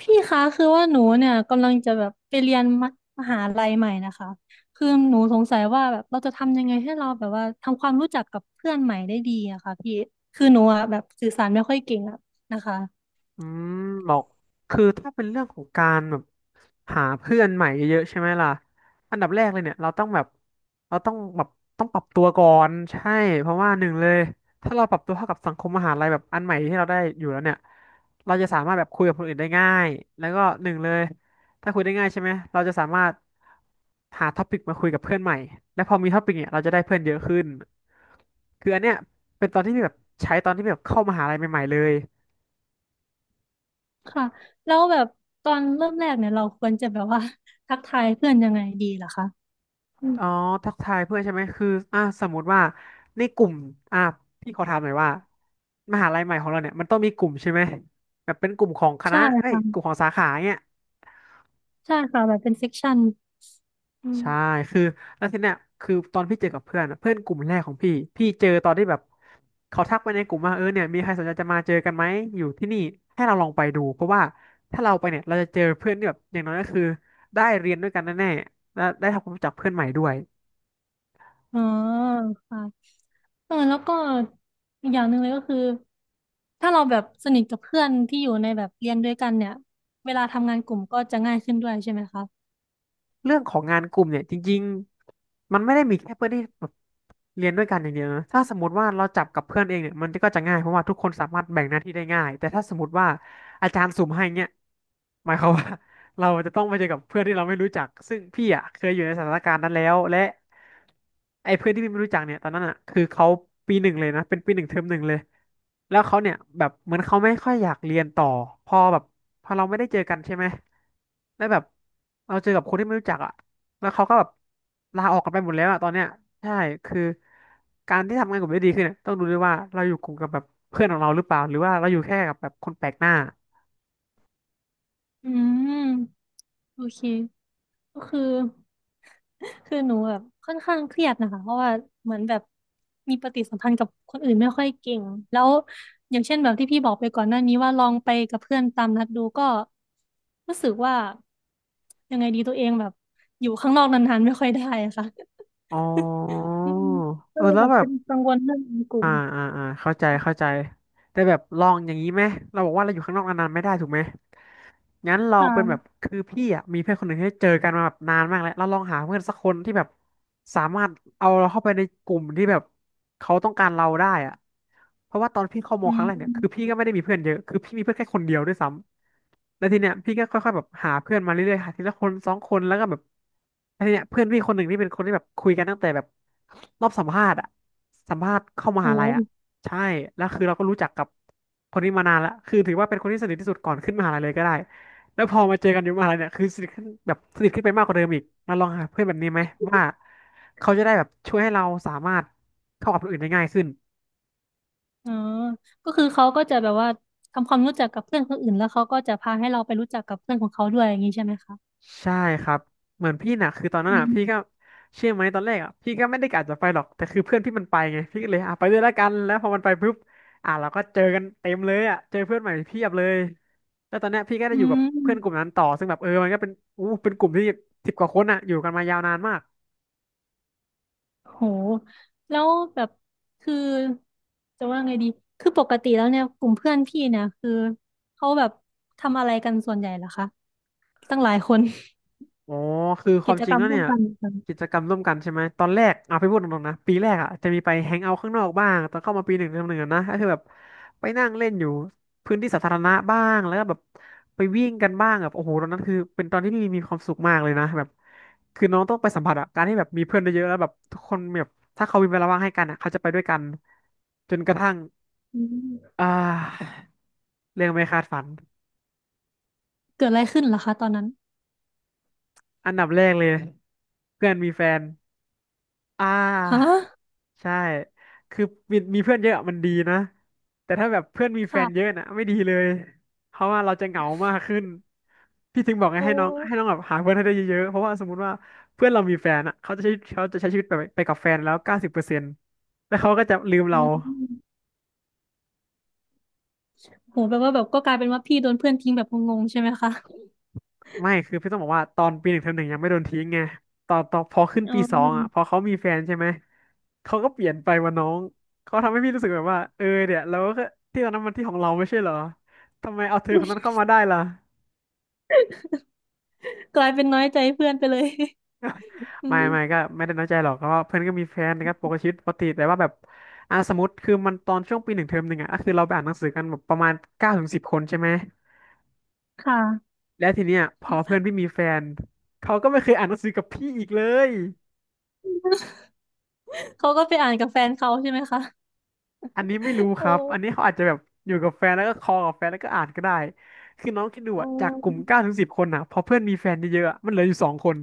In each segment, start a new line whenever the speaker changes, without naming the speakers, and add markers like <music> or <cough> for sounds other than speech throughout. พี่คะคือว่าหนูเนี่ยกำลังจะแบบไปเรียนมมหาลัยใหม่นะคะคือหนูสงสัยว่าแบบเราจะทำยังไงให้เราแบบว่าทำความรู้จักกับเพื่อนใหม่ได้ดีอะค่ะพี่คือหนูอะแบบสื่อสารไม่ค่อยเก่งอะนะคะ
อืมบอกคือถ้าเป็นเรื่องของการแบบหาเพื่อนใหม่เยอะๆใช่ไหมล่ะอันดับแรกเลยเนี่ยเราต้องแบบเราต้องแบบต้องปรับตัวก่อนใช่เพราะว่าหนึ่งเลยถ้าเราปรับตัวเข้ากับสังคมมหาลัยแบบอันใหม่ที่เราได้อยู่แล้วเนี่ยเราจะสามารถแบบคุยกับคนอื่นได้ง่ายแล้วก็หนึ่งเลยถ้าคุยได้ง่ายใช่ไหมเราจะสามารถหาท็อปิกมาคุยกับเพื่อนใหม่และพอมีท็อปิกเนี่ยเราจะได้เพื่อนเยอะขึ้นคืออันเนี้ยเป็นตอนที่แบบใช้ตอนที่แบบเข้ามหาลัยใหม่ๆเลย
ค่ะแล้วแบบตอนเริ่มแรกเนี่ยเราควรจะแบบว่า <laughs> ทักทายเพื่อนยังไงดีล่ะคะอืม
อ๋อทักทายเพื่อนใช่ไหมคืออ่ะสมมติว่าในกลุ่มอ่ะพี่ขอถามหน่อยว่ามหาลัยใหม่ของเราเนี่ยมันต้องมีกลุ่มใช่ไหมแบบเป็นกลุ่มของคณะ
ใช่
เอ้ยก
ค่ะ
ลุ่มของสาขาเนี่ย
ใช่ค่ะแบบเป็นเซกชันอืม
ใช่คือแล้วทีเนี้ยคือตอนพี่เจอกับเพื่อนอะเพื่อนกลุ่มแรกของพี่พี่เจอตอนที่แบบเขาทักไปในกลุ่มว่าเออเนี่ยมีใครสนใจจะมาเจอกันไหมอยู่ที่นี่ให้เราลองไปดูเพราะว่าถ้าเราไปเนี่ยเราจะเจอเพื่อนที่แบบอย่างน้อยก็คือได้เรียนด้วยกันแน่ๆและได้ทำความรู้จักเพื่อนใหม่ด้วย
อ๋อค่ะ เออแล้วก็อีกอย่างหนึ่งเลยก็คือถ้าเราแบบสนิทกับเพื่อนที่อยู่ในแบบเรียนด้วยกันเนี่ยเวลาทำงานกลุ่มก็จะง่ายขึ้นด้วยใช่ไหมคะ
เรื่องของงานกลุ่มเนี่ยจริงๆมันไม่ได้มีแค่เพื่อนที่แบบเรียนด้วยกันอย่างเดียวนะถ้าสมมติว่าเราจับกับเพื่อนเองเนี่ยมันก็จะง่ายเพราะว่าทุกคนสามารถแบ่งหน้าที่ได้ง่ายแต่ถ้าสมมติว่าอาจารย์สุ่มให้เนี่ยหมายความว่า เราจะต้องไปเจอกับเพื่อนที่เราไม่รู้จักซึ่งพี่อ่ะเคยอยู่ในสถานการณ์นั้นแล้วและไอ้เพื่อนที่พี่ไม่รู้จักเนี่ยตอนนั้นอ่ะคือเขาปีหนึ่งเลยนะเป็นปีหนึ่งเทอมหนึ่งเลยแล้วเขาเนี่ยแบบเหมือนเขาไม่ค่อยอยากเรียนต่อพอแบบพอเราไม่ได้เจอกันใช่ไหมแล้วแบบเราเจอกับคนที่ไม่รู้จักอ่ะแล้วเขาก็แบบลาออกกันไปหมดแล้วอ่ะตอนเนี้ยใช่คือการที่ทำงานกลุ่มได้ดีขึ้นเนี่ยต้องดูด้วยว่าเราอยู่กลุ่มกับแบบเพื่อนของเราหรือเปล่าหรือว่าเราอยู่แค่กับแบบคนแปลกหน้า
อืมโอเคก็คือ <laughs> คือหนูแบบค่อนข้างเครียดนะคะเพราะว่าเหมือนแบบมีปฏิสัมพันธ์กับคนอื่นไม่ค่อยเก่งแล้วอย่างเช่นแบบที่พี่บอกไปก่อนหน้านี้ว่าลองไปกับเพื่อนตามนัดดูก็รู้สึกว่ายังไงดีตัวเองแบบอยู่ข้างนอกนานๆไม่ค่อยได้อะค่ะ
อ๋อ
อืมก็
เออ
เลย
แล้ว
แบบ
แบบ
เป็นกังวลเรื่องในกลุ่
อ่า
ม
เข้าใจเข้าใจ แต่แบบลองอย่างนี้ไหม เราบอกว่าเราอยู่ข้างนอกนานๆไม่ได้ถูกไหมงั้นลอ
ค
งเป็นแบบ
่ะ
คือพี่อ่ะมีเพื่อนคนหนึ่งที่เจอกันมาแบบนานมากแล้วเราลองหาเพื่อนสักคนที่แบบสามารถเอาเราเข้าไปในกลุ่มที่แบบเขาต้องการเราได้อ่ะเพราะว่าตอนพี่เข้าโมอ
อื
ครั้งแรกเนี่ยคือพี่
ม
ก็ไม่ได้มีเพื่อนเยอะคือพี่มีเพื่อนแค่คนเดียวด้วยซ้ำแล้วทีเนี้ยพี่ก็ค่อยๆแบบหาเพื่อนมาเรื่อยๆหาทีละคนสองคนแล้วก็แบบแล้วทีเนี้ยเพื่อนพี่คนหนึ่งที่เป็นคนที่แบบคุยกันตั้งแต่แบบรอบสัมภาษณ์อ่ะสัมภาษณ์เข้ามหาลัยอ่ะ
โห
ใช่แล้วคือเราก็รู้จักกับคนนี้มานานแล้วคือถือว่าเป็นคนที่สนิทที่สุดก่อนขึ้นมหาลัยเลยก็ได้แล้วพอมาเจอกันอยู่มหาลัยเนี่ยคือสนิทขึ้นแบบสนิทขึ้นไปมากกว่าเดิมอีกมาลองหาเพื่อนแบบนี้ไหมว่าเขาจะได้แบบช่วยให้เราสามารถเข้ากับคนอื่นได้ง่ายขึ้น
อ๋อก็คือเขาก็จะแบบว่าทำความรู้จักกับเพื่อนคนอื่นแล้วเขาก็จะพาให้เราไปรู้จักกับเพื่อนของเขาด้วยอย่างนี้ใช่ไหมคะ
ใช่ครับเหมือนพี่น่ะคือตอนนั้
อื
นอ่ะ
ม
พี่ก็เชื่อไหมตอนแรกอ่ะพี่ก็ไม่ได้กะจะไปหรอกแต่คือเพื่อนพี่มันไปไงพี่ก็เลยอ่ะไปด้วยแล้วกันแล้วพอมันไปปุ๊บอ่ะเราก็เจอกันเต็มเลยอ่ะเจอเพื่อนใหม่เพียบเลยแล้วตอนเนี้ยพี่ก็ได้
อื
อยู่กับ
ม
เพื่อนกลุ่มนั้นต่อซึ่งแบบเออมันก็เป็นอู้เป็นกลุ่มที่สิบกว่าคนอ่ะอยู่กันมายาวนานมาก
โหแล้วแบบคือจะว่าไงดีคือปกติแล้วเนี่ยกลุ่มเพื่อนพี่เนี่ยคือเขาแบบทำอะไรกันส่วนใหญ่เหรอคะตั้งหลายคน
อ๋อคือ
<laughs>
ค
กิ
วาม
จ
จริ
ก
ง
รรม
แล้ว
ร่ว
เนี่
ม
ย
กันเหรอ
กิจกรรมร่วมกันใช่ไหมตอนแรกเอาไปพูดตรงๆนะปีแรกอ่ะจะมีไปแฮงเอาท์ข้างนอกบ้างตอนเข้ามาปีหนึ่งเทอมหนึ่งอะนะก็คือแบบไปนั่งเล่นอยู่พื้นที่สาธารณะบ้างแล้วก็แบบไปวิ่งกันบ้างแบบโอ้โหตอนนั้นคือเป็นตอนที่พี่มีความสุขมากเลยนะแบบคือน้องต้องไปสัมผัสอะการที่แบบมีเพื่อนเยอะๆแล้วแบบทุกคนแบบถ้าเขามีเวลาว่างให้กันอะเขาจะไปด้วยกันจนกระทั่ง
อืม
อ่าเรื่องไม่คาดฝัน
เกิดอะไรขึ้นเหรอคะตอนนั้น
อันดับแรกเลยเพื่อนมีแฟนอ่
ฮะ
า ใช่ คือมีเพื่อนเยอะมันดีนะแต่ถ้าแบบเพื่อนมีแฟนเยอะ
ค่ะ
นะไม่ดีเลยเพราะว่าเราจะเหงามากขึ้นพี่ถึงบอกไง
โอ้
ให้น้องแบบหาเพื่อนให้ได้เยอะๆเพราะว่าสมมติว่าเพื่อนเรามีแฟนอ่ะเขาจะใช้ชีวิตไปกับแฟนแล้ว90%แล้วเขาก็จะลืม
อื
เรา
มโหแปลว่าแบบก็กลายเป็นว่าพี่โดนเพื่อนทิ้งแบบงงๆใช่ไหมคะ
ไม่คือพี่ต้องบอกว่าตอนปีหนึ่งเทอมหนึ่งยังไม่โดนทิ้งไงตอนพอขึ้น
อ๋
ปีสองอ่ะพอ
อ
เขามีแฟนใช่ไหม เขาก็เปลี่ยนไปว่าน้องเขาทำให้พี่รู้สึกแบบว่าเออเนี่ยเราก็ที่ตอนนั้นมันที่ของเราไม่ใช่เหรอทำไมเอาเธอคนนั้นเข้ามาได้ล่ะ
กลายเป็นน้อยใจเพื่อนไปเลยอื
ไม่ไม่
ม
ก็ไม่ได้น้อยใจหรอกเพราะว่าเพื่อนก็มีแฟนนะครับปกติชีวิตปกติแต่ว่าแบบอ่ะสมมติคือมันตอนช่วงปีหนึ่งเทอมหนึ่งอ่ะก็คือเราไปอ่านหนังสือกันแบบประมาณเก้าถึงสิบคนใช่ไหม
ค่ะ
แล้วทีเนี้ยพอเพื่อนพี่มีแฟนเขาก็ไม่เคยอ่านหนังสือกับพี่อีกเลย
เขาก็ไปอ่านกับแฟนเขาใช่ไหมคะ
อันนี้ไม่รู้ค
โอ
รับ อันนี้
้
เขาอาจจะแบบอยู่กับแฟนแล้วก็คอลกับแฟนแล้วก็อ่านก็ได้คือน้องคิดดูอะ
โอ้
จากกลุ่มเก้าถึงสิบคนอะพอเพื่อนมีแฟนเยอะๆอะมันเหลืออยู่2 คน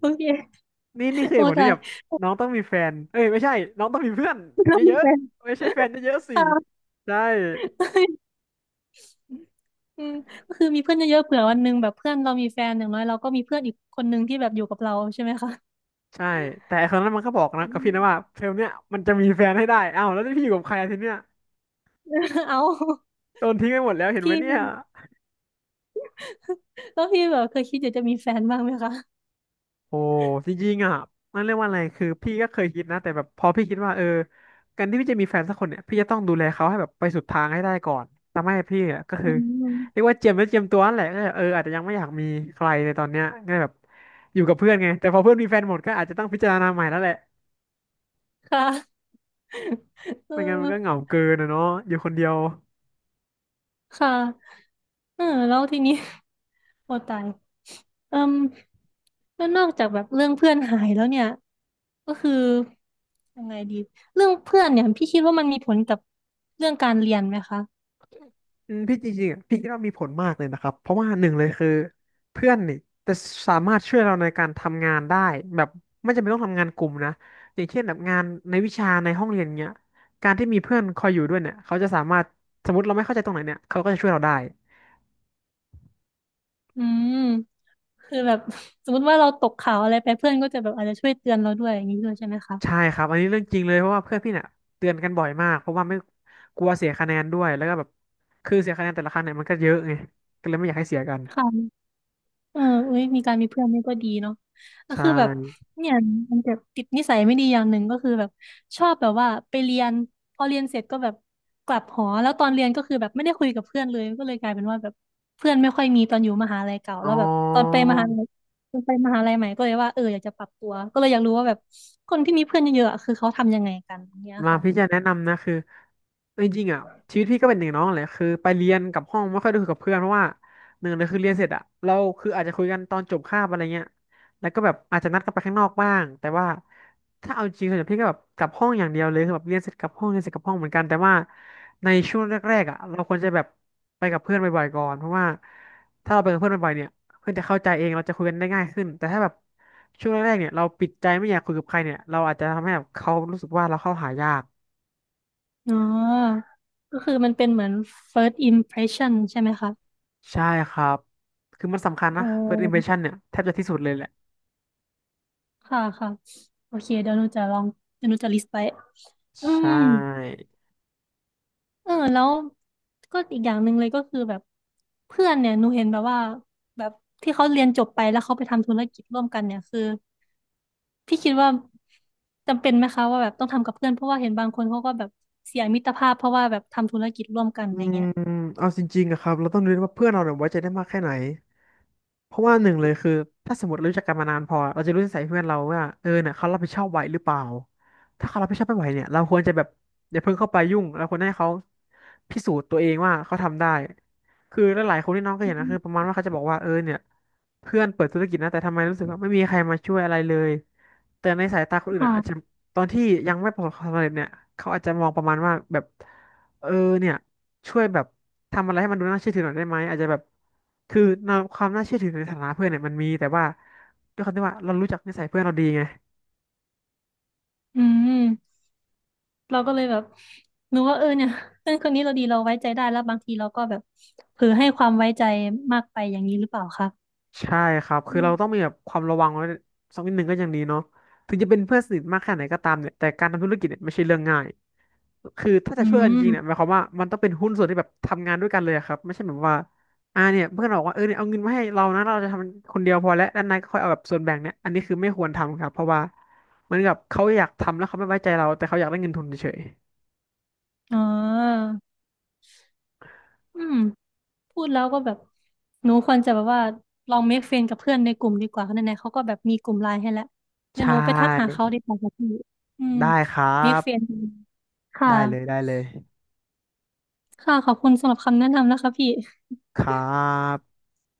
โอเค
นี่คือเห
โอ้
ตุผลที่
ตาย
แบบน้องต้องมีแฟนเอ้ยไม่ใช่น้องต้องมีเพื่อน
เรา
เย
มี
อะ
แฟน
ๆไม่ใช่แฟนเยอะๆสิ
ค่ะ
ใช่
<laughs> อืมก็คือมีเพื่อนเยอะๆเผื่อวันหนึ่งแบบเพื่อนเรามีแฟนอย่างน้อยเราก็มีเพื่อนอีกคนหนึ่งที่แบบอยู่กับเราใช่ไหมคะ
ใช่แต่ไอ้คนนั้นมันก็บอกนะ
อื
กับ
ม
พี่นะว่าเทอมเนี้ยมันจะมีแฟนให้ได้อ้าวแล้วที่พี่อยู่กับใครอาทีเนี้ย
<laughs> เอา
โดนทิ้งไปหมดแล้วเห็นไหม
พี่
เนี่ย
แล้วพี่แบบเคยคิดอยากจะมีแฟนบ้างไหมคะ
โอ้จริงๆอ่ะนั่นเรียกว่าอะไรคือพี่ก็เคยคิดนะแต่แบบพอพี่คิดว่าเออการที่พี่จะมีแฟนสักคนเนี่ยพี่จะต้องดูแลเขาให้แบบไปสุดทางให้ได้ก่อนทำให้พี่อ่ะก็
อื
คือ
ม
เรียกว่าเจียมแล้วเจียมตัวนั่นแหละก็เลยเอออาจจะยังไม่อยากมีใครในตอนเนี้ยก็เลยแบบอยู่กับเพื่อนไงแต่พอเพื่อนมีแฟนหมดก็อาจจะต้องพิจารณาใหม่แล้วแหละ
ค่ะเ
ไม่งั้นมันก็เห
อ
งา
อ
เกินนะเนาะอยู่คนเดียว
ค่ะ เออแล้วทีนี้ <laughs> โอตายเอิ่มแล้วนอกจากแบบเรื่องเพื่อนหายแล้วเนี่ยก็คือยังไงดีเรื่องเพื่อนเนี่ยพี่คิดว่ามันมีผลกับเรื่องการเรียนไหมคะ
อืมพี่จริงๆอ่ะพี่คิดว่ามีผลมากเลยนะครับเพราะว่าหนึ่งเลยคือเพื่อนนี่จะสามารถช่วยเราในการทำงานได้แบบไม่จำเป็นต้องทำงานกลุ่มนะอย่างเช่นแบบงานในวิชาในห้องเรียนเนี้ยการที่มีเพื่อนคอยอยู่ด้วยเนี่ยเขาจะสามารถสมมติเราไม่เข้าใจตรงไหนเนี่ยเขาก็จะช่วยเราได้
อืมคือแบบ <laughs> สมมติว่าเราตกข่าวอะไรไปเพื่อนก็จะแบบอาจจะช่วยเตือนเราด้วยอย่างนี้ด้วยใช่ไหมคะ
ใช่ครับอันนี้เรื่องจริงเลยเพราะว่าเพื่อนพี่เนี่ยเตือนกันบ่อยมากเพราะว่าไม่กลัวเสียคะแนนด้วยแล้วก็แบบคือเสียคะแนนแต่ละครั้งเนี่ยมันก็เยอะไงก็เลยไม่อยากให้เสียกัน
ค่ะ เออเอ้ยมีการมีเพื่อนนี่ก็ดีเนาะก็
ใช่
คือแบบเนี่ยมันจะติดนิสัยไม่ดีอย่างหนึ่งก็คือแบบชอบแบบว่าไปเรียนพอเรียนเสร็จก็แบบกลับหอแล้วตอนเรียนก็คือแบบไม่ได้คุยกับเพื่อนเลยก็เลยกลายเป็นว่าแบบเพื่อนไม่ค่อยมีตอนอยู่มหาลัยเก่า
อ๋
แล้
อ
วแบบตอนไปมหาลัยตอนไปมหาลัยใหม่ก็เลยว่าเอออยากจะปรับตัวก็เลยอยากรู้ว่าแบบคนที่มีเพื่อนเยอะๆอะคือเขาทำยังไงกันเนี่ย
มา
ค่ะ
พี่จะแนะนำนะคือเอาจริงๆอ่ะชีวิตพี่ก็เป็นหนึ่งน้องแหละคือไปเรียนกับห้องไม่ค่อยได้คุยกับเพื่อนเพราะว่าหนึ่งเลยคือเรียนเสร็จอ่ะเราคืออาจจะคุยกันตอนจบคาบอะไรเงี้ยแล้วก็แบบอาจจะนัดกันไปข้างนอกบ้างแต่ว่าถ้าเอาจริงส่วนใหญ่พี่ก็แบบกลับห้องอย่างเดียวเลยคือแบบเรียนเสร็จกลับห้องเรียนเสร็จกลับห้องเหมือนกันแต่ว่าในช่วงแรกๆอ่ะเราควรจะแบบไปกับเพื่อนบ่อยๆก่อนเพราะว่าถ้าเราไปกับเพื่อนบ่อยๆเนี่ยเพื่อนจะเข้าใจเองเราจะคุยกันได้ง่ายขึ้นแต่ถ้าแบบ ช่วงแรกๆเนี่ยเราปิดใจไม่อยากคุยกับใครเนี่ยเราอาจจะทำให้แบบเขารู้สึกว่าเราเข้าหายาก
อ๋อก็คือมันเป็นเหมือน first impression ใช่ไหมคะ
ใช่ครับคือมันสำคัญ
อ๋
นะ
อ
first impression เนี่ยแทบจะที่สุดเลยแหละ
ค่ะค่ะโอเคเดี๋ยวหนูจะลองเดี๋ยวหนูจะลิสต์ไปอื
ใช่
มเออแล้วก็อีกอย่างหนึ่งเลยก็คือแบบเพื่อนเนี่ยหนูเห็นแบบว่าแบบที่เขาเรียนจบไปแล้วเขาไปทำธุรกิจร่วมกันเนี่ยคือพี่คิดว่าจำเป็นไหมคะว่าแบบต้องทำกับเพื่อนเพราะว่าเห็นบางคนเขาก็แบบเสียมิตรภาพเพราะว่าแบบทำธุรกิจร่วมกันอะ
อื
ไร
ม
เงี้ย
เอาจริงๆอะครับเราต้องดูด้วยว่าเพื่อนเราเนี่ยไว้ใจได้มากแค่ไหนเพราะว่าหนึ่งเลยคือถ้าสมมติรู้จักกันมานานพอเราจะรู้นิสัยเพื่อนเราว่าเออเนี่ยเขารับผิดชอบไหวหรือเปล่าถ้าเขารับผิดชอบไม่ไหวเนี่ยเราควรจะแบบอย่าเพิ่งเข้าไปยุ่งเราควรให้เขาพิสูจน์ตัวเองว่าเขาทำได้คือหลายๆคนที่น้องก็
อื
เห็นนะคือ
ม
ประมาณว่าเขาจะบอกว่าเออเนี่ยเพื่อนเปิดธุรกิจนะแต่ทำไมรู้สึกว่าไม่มีใครมาช่วยอะไรเลยแต่ในสายตาคนอื่นอะอาจจะ
ค่ะ
ตอนที่ยังไม่ประสบความสำเร็จเนี่ยเขาอาจจะมองประมาณว่าแบบเออเนี่ย ช่วยแบบทำอะไรให้มันดูน่าเชื่อถือหน่อยได้ไหมอาจจะแบบคือในความน่าเชื่อถือในฐานะเพื่อนเนี่ยมันมีแต่ว่าด้วยความที่ว่าเรารู้จักนิสัยเพื่อนเราดีไง
อืมเราก็เลยแบบหนูว่าเออเนี่ยเพื่อนคนนี้เราดีเราไว้ใจได้แล้วบางทีเราก็แบบเผลอให้ความไว้ใจมากไปอย่างนี้หรือเปล่าคะ
ใช่ครับ
อื
คือเราต้อง
ม
มีแบบความระวังไว้สักนิดหนึ่งก็ยังดีเนาะถึงจะเป็นเพื่อนสนิทมากแค่ไหนก็ตามเนี่ยแต่การทำธุรกิจเนี่ยไม่ใช่เรื่องง่าย คือถ้าจะ
อื
ช่วยกันจริงเนี่ยหมา
ม
ยความว่ามันต้องเป็นหุ้นส่วนที่แบบทำงานด้วยกันเลยอะครับไม่ใช่แบบว่าอ่าเนี่ยเพื่อนบอกว่าเออเนี่ยเอาเงินมาให้เรานะเราจะทำคนเดียวพอแล้วด้านในก็ค่อยเอาแบบส่วนแบ่งเนี่ยอันนี้คือไม่ควรทำครับเพราะว่าเหมือนกับเขาอยากทำแล้วเขาไม่ไว้ใจเราแต่เขาอยากได้เงินทุนเฉย
อ๋ออืม พูดแล้วก็แบบ หนูควรจะแบบว่าลองเมคเฟรนกับเพื่อนในกลุ่มดีกว่าเพราะไหนๆเขาก็แบบมีกลุ่มไลน์ให้แล้ว
ๆใช
เดี๋ยวหนูไปทักหา
่
เขาดีกว่าค่ะพี่ อืม
ได้ครั
เมค
บ
เฟรนค่ะ
ได้เลยได้เลย
ค่ะ ขอบคุณสำหรับคำแนะนำนะคะพี่
ครับ